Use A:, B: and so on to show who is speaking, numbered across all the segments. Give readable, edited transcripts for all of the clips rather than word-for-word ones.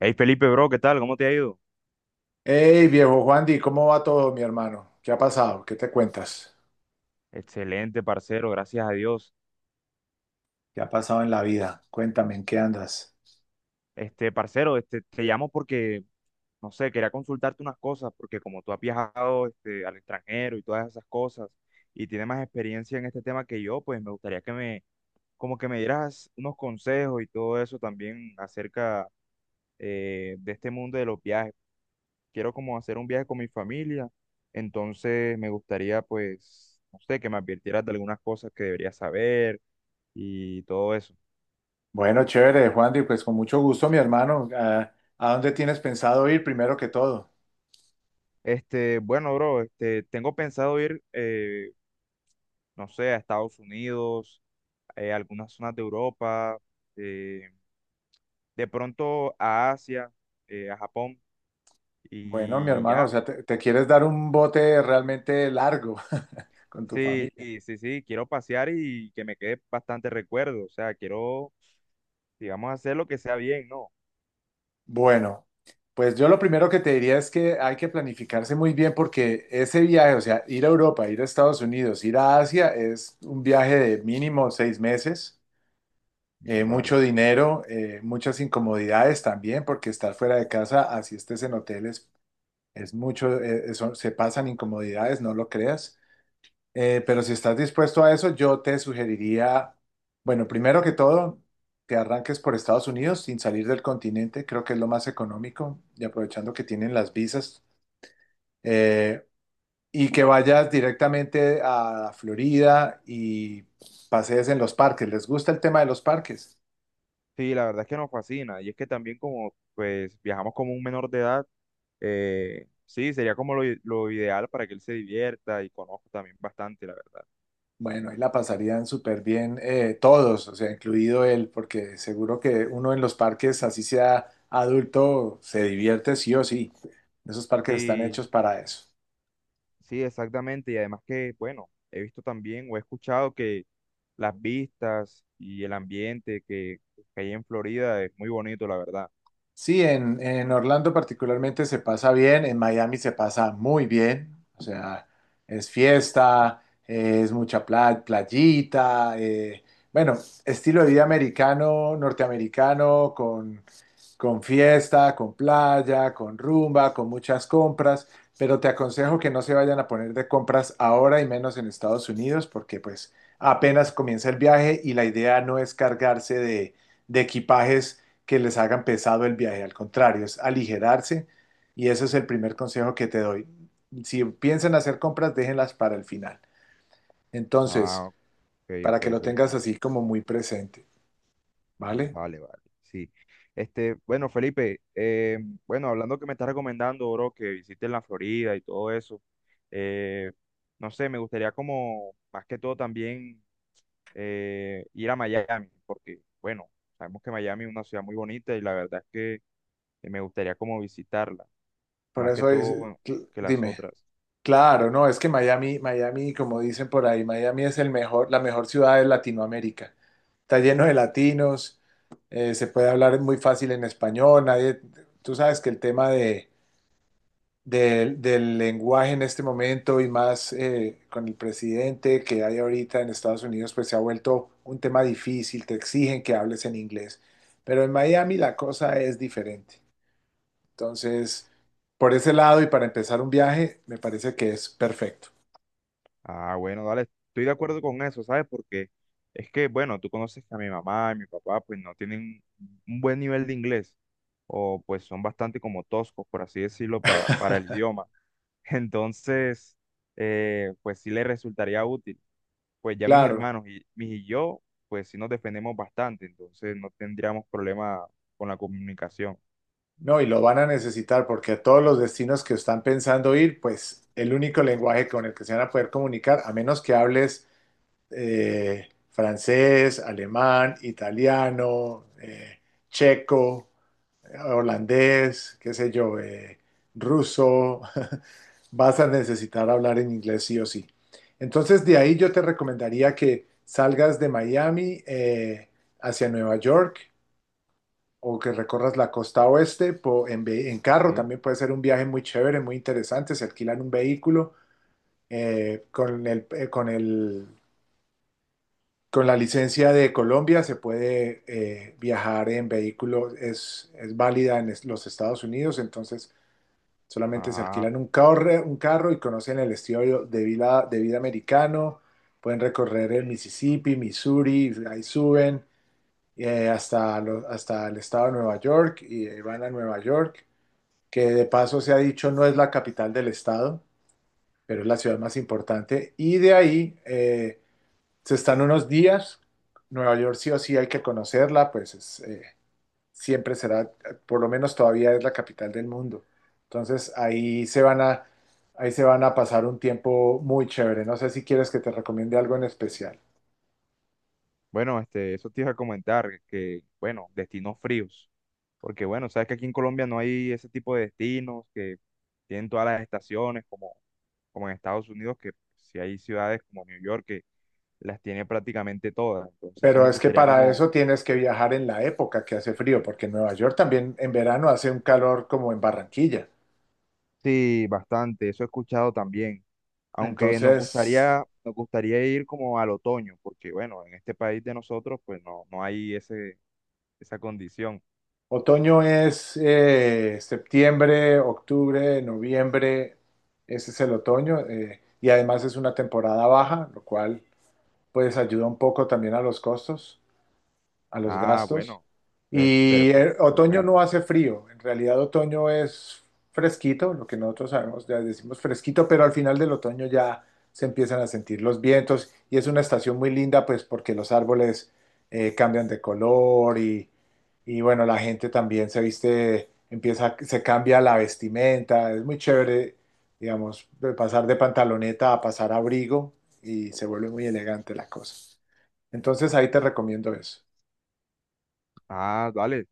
A: Hey Felipe, bro, ¿qué tal? ¿Cómo te ha ido?
B: Hey, viejo Juandi, ¿cómo va todo, mi hermano? ¿Qué ha pasado? ¿Qué te cuentas?
A: Excelente, parcero, gracias a Dios.
B: ¿Qué ha pasado en la vida? Cuéntame, ¿en qué andas?
A: Parcero, te llamo porque, no sé, quería consultarte unas cosas, porque como tú has viajado, al extranjero y todas esas cosas, y tienes más experiencia en este tema que yo, pues me gustaría que me, como que me dieras unos consejos y todo eso también acerca de este mundo de los viajes. Quiero como hacer un viaje con mi familia, entonces me gustaría, pues, no sé, que me advirtieras de algunas cosas que debería saber y todo eso.
B: Bueno, chévere, Juandi, pues con mucho gusto, mi hermano. ¿A dónde tienes pensado ir primero que todo?
A: Bueno, bro, tengo pensado ir, no sé, a Estados Unidos, a algunas zonas de Europa, eh, de pronto a Asia, a Japón
B: Bueno, mi
A: y
B: hermano, o
A: ya.
B: sea, te quieres dar un bote realmente largo con tu
A: Sí,
B: familia.
A: sí, sí, sí, quiero pasear y que me quede bastante recuerdo, o sea, quiero, digamos, hacer lo que sea bien, ¿no?
B: Bueno, pues yo lo primero que te diría es que hay que planificarse muy bien porque ese viaje, o sea, ir a Europa, ir a Estados Unidos, ir a Asia, es un viaje de mínimo 6 meses,
A: Vale.
B: mucho dinero, muchas incomodidades también, porque estar fuera de casa, así estés en hoteles, es mucho, se pasan incomodidades, no lo creas. Pero si estás dispuesto a eso, yo te sugeriría, bueno, primero que todo, que arranques por Estados Unidos sin salir del continente, creo que es lo más económico, y aprovechando que tienen las visas, eh, y que vayas directamente a Florida y pasees en los parques. ¿Les gusta el tema de los parques?
A: Sí, la verdad es que nos fascina y es que también como, pues, viajamos como un menor de edad, sí, sería como lo ideal para que él se divierta y conozca también bastante, la verdad.
B: Bueno, ahí la pasarían súper bien, todos, o sea, incluido él, porque seguro que uno en los parques, así sea adulto, se divierte sí o sí. Esos parques están
A: Sí,
B: hechos para eso.
A: sí, exactamente. Y además que, bueno, he visto también o he escuchado que las vistas y el ambiente que hay en Florida es muy bonito, la verdad.
B: Sí, en Orlando particularmente se pasa bien, en Miami se pasa muy bien, o sea, es fiesta, es mucha playita, bueno, estilo de vida americano, norteamericano, con fiesta, con playa, con rumba, con muchas compras, pero te aconsejo que no se vayan a poner de compras ahora y menos en Estados Unidos porque pues apenas comienza el viaje y la idea no es cargarse de equipajes que les hagan pesado el viaje, al contrario, es aligerarse y ese es el primer consejo que te doy. Si piensan hacer compras, déjenlas para el final.
A: Ah,
B: Entonces,
A: ok, ok,
B: para que lo tengas
A: Felipe.
B: así como muy presente, ¿vale?
A: Vale, vale. Sí. Bueno, Felipe, bueno, hablando que me estás recomendando, bro, que visites la Florida y todo eso, eh, no sé, me gustaría como, más que todo también ir a Miami, porque, bueno, sabemos que Miami es una ciudad muy bonita y la verdad es que me gustaría como visitarla,
B: Por
A: más que
B: eso es,
A: todo que las
B: dime.
A: otras.
B: Claro, no, es que Miami, Miami, como dicen por ahí, Miami es el mejor, la mejor ciudad de Latinoamérica. Está lleno de latinos, se puede hablar muy fácil en español, nadie, tú sabes que el tema de, del lenguaje en este momento y más, con el presidente que hay ahorita en Estados Unidos, pues se ha vuelto un tema difícil, te exigen que hables en inglés, pero en Miami la cosa es diferente. Entonces, por ese lado y para empezar un viaje, me parece que es perfecto.
A: Ah, bueno, dale, estoy de acuerdo con eso, ¿sabes? Porque es que, bueno, tú conoces que a mi mamá y mi papá pues no tienen un buen nivel de inglés o pues son bastante como toscos, por así decirlo, para el idioma. Entonces, pues sí les resultaría útil. Pues ya mis
B: Claro,
A: hermanos y, mis y yo, pues sí nos defendemos bastante, entonces no tendríamos problema con la comunicación,
B: no, y lo van a necesitar porque a todos los destinos que están pensando ir, pues el único lenguaje con el que se van a poder comunicar, a menos que hables, francés, alemán, italiano, checo, holandés, qué sé yo, ruso, vas a necesitar hablar en inglés sí o sí. Entonces, de ahí yo te recomendaría que salgas de Miami, hacia Nueva York o que recorras la costa oeste en carro,
A: ¿sí?
B: también puede ser un viaje muy chévere, muy interesante, se alquilan un vehículo, con el, con la licencia de Colombia se puede, viajar en vehículo, es válida en los Estados Unidos, entonces solamente se
A: Ajá.
B: alquilan un carro y conocen el estilo de vida americano, pueden recorrer el Mississippi, Missouri, ahí suben. Hasta el estado de Nueva York y, van a Nueva York, que de paso se ha dicho no es la capital del estado, pero es la ciudad más importante. Y de ahí, se están unos días. Nueva York sí o sí hay que conocerla, pues es, siempre será, por lo menos todavía es la capital del mundo. Entonces ahí se van a pasar un tiempo muy chévere. No sé si quieres que te recomiende algo en especial.
A: Bueno, eso te iba a comentar, que, bueno, destinos fríos. Porque, bueno, sabes que aquí en Colombia no hay ese tipo de destinos que tienen todas las estaciones, como en Estados Unidos, que si hay ciudades como New York que las tiene prácticamente todas. Entonces, sí
B: Pero
A: nos
B: es que
A: gustaría
B: para
A: como,
B: eso tienes que viajar en la época que hace frío, porque en Nueva York también en verano hace un calor como en Barranquilla.
A: sí, bastante, eso he escuchado también. Aunque
B: Entonces,
A: nos gustaría ir como al otoño, porque, bueno, en este país de nosotros, pues no, no hay ese, esa condición.
B: otoño es, septiembre, octubre, noviembre, ese es el otoño, y además es una temporada baja, lo cual pues ayuda un poco también a los costos, a los
A: Ah,
B: gastos.
A: bueno, entonces,
B: Y, otoño no
A: perfecto.
B: hace frío, en realidad otoño es fresquito, lo que nosotros sabemos, ya decimos fresquito, pero al final del otoño ya se empiezan a sentir los vientos y es una estación muy linda pues porque los árboles, cambian de color y bueno, la gente también se viste, empieza, se cambia la vestimenta, es muy chévere, digamos, de pasar de pantaloneta a pasar a abrigo y se vuelve muy elegante la cosa. Entonces ahí te recomiendo eso.
A: Ah, vale.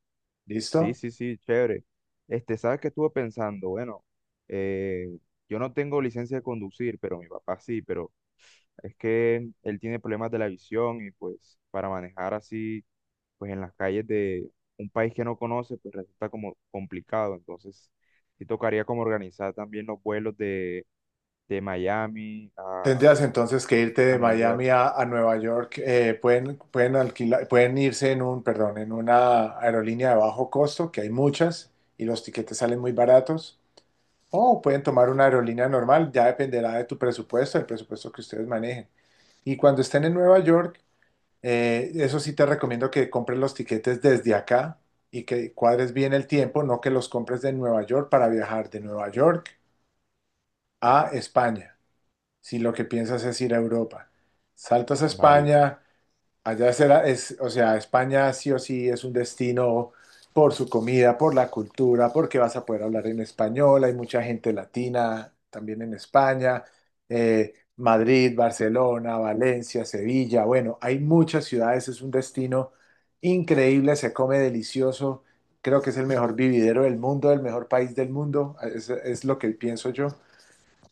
A: Sí,
B: ¿Listo?
A: sí, sí, chévere. ¿Sabes qué estuve pensando? Bueno, eh, yo no tengo licencia de conducir, pero mi papá sí, pero es que él tiene problemas de la visión y pues para manejar así, pues en las calles de un país que no conoce, pues resulta como complicado. Entonces, sí tocaría como organizar también los vuelos de Miami
B: Tendrías entonces que irte de
A: a New York.
B: Miami a Nueva York. Pueden alquilar, pueden irse en un, perdón, en una aerolínea de bajo costo, que hay muchas, y los tiquetes salen muy baratos. O pueden tomar una aerolínea normal, ya dependerá de tu presupuesto, del presupuesto que ustedes manejen. Y cuando estén en Nueva York, eso sí te recomiendo que compres los tiquetes desde acá y que cuadres bien el tiempo, no que los compres de Nueva York para viajar de Nueva York a España, si lo que piensas es ir a Europa. Saltas a
A: Vale.
B: España, allá será, es, o sea, España sí o sí es un destino por su comida, por la cultura, porque vas a poder hablar en español, hay mucha gente latina también en España, Madrid, Barcelona, Valencia, Sevilla, bueno, hay muchas ciudades, es un destino increíble, se come delicioso, creo que es el mejor vividero del mundo, el mejor país del mundo, es lo que pienso yo.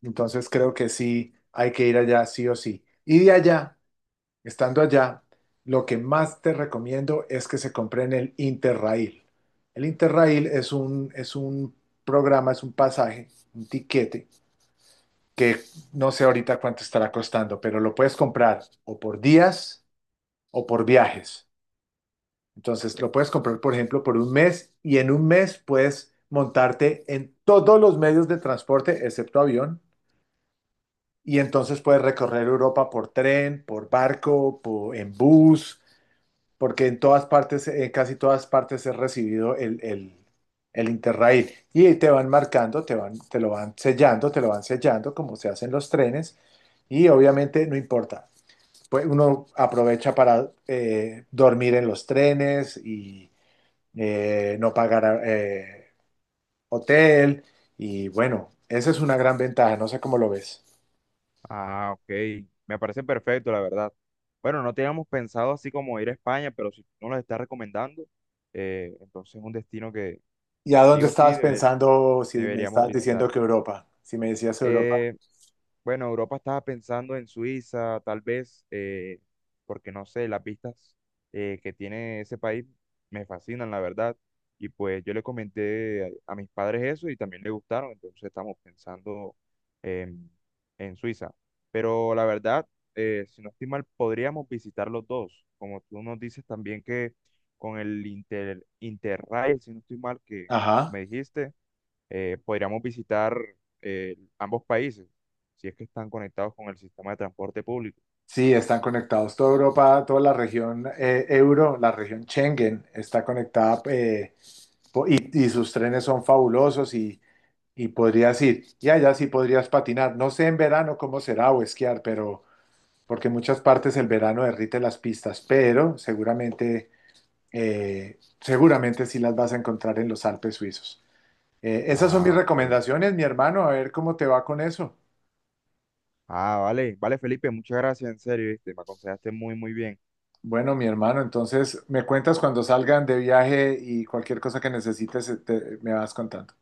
B: Entonces creo que sí hay que ir allá sí o sí. Y de allá, estando allá, lo que más te recomiendo es que se compren el Interrail. El Interrail es un programa, es un pasaje, un tiquete, que no sé ahorita cuánto estará costando, pero lo puedes comprar o por días o por viajes. Entonces lo puedes comprar, por ejemplo, por un mes y en un mes puedes montarte en todos los medios de transporte, excepto avión. Y entonces puedes recorrer Europa por tren, por barco, por, en bus, porque en todas partes, en casi todas partes es recibido el Interrail. Y te van marcando, te van, te lo van sellando, te lo van sellando, como se hacen los trenes. Y obviamente no importa. Pues uno aprovecha para, dormir en los trenes y, no pagar, hotel. Y bueno, esa es una gran ventaja. No sé cómo lo ves.
A: Ah, ok. Me parece perfecto, la verdad. Bueno, no teníamos pensado así como ir a España, pero si tú nos lo estás recomendando, entonces es un destino que
B: ¿Y a
A: sí
B: dónde
A: o sí
B: estabas pensando si me
A: deberíamos
B: estabas
A: visitar.
B: diciendo que Europa? Si me decías Europa.
A: Eh, bueno, Europa estaba pensando en Suiza, tal vez, porque no sé, las vistas que tiene ese país me fascinan, la verdad. Y pues yo le comenté a mis padres eso y también les gustaron, entonces estamos pensando en, en Suiza. Pero la verdad, si no estoy mal, podríamos visitar los dos. Como tú nos dices también que con el Interrail, si no estoy mal, que
B: Ajá.
A: me dijiste podríamos visitar ambos países, si es que están conectados con el sistema de transporte público.
B: Sí, están conectados. Toda Europa, toda la región, la región Schengen está conectada, y sus trenes son fabulosos y podrías ir. Y allá sí podrías patinar. No sé en verano cómo será o esquiar, pero porque en muchas partes el verano derrite las pistas, pero seguramente, seguramente sí las vas a encontrar en los Alpes suizos. Esas son mis
A: Ah, ok.
B: recomendaciones, mi hermano, a ver cómo te va con eso.
A: Ah, vale, vale, Felipe, muchas gracias, en serio, ¿viste? Me aconsejaste muy, muy bien.
B: Bueno, mi hermano, entonces me cuentas cuando salgan de viaje y cualquier cosa que necesites, me vas contando.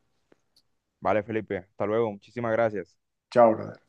A: Vale, Felipe, hasta luego, muchísimas gracias.
B: Chao, brother.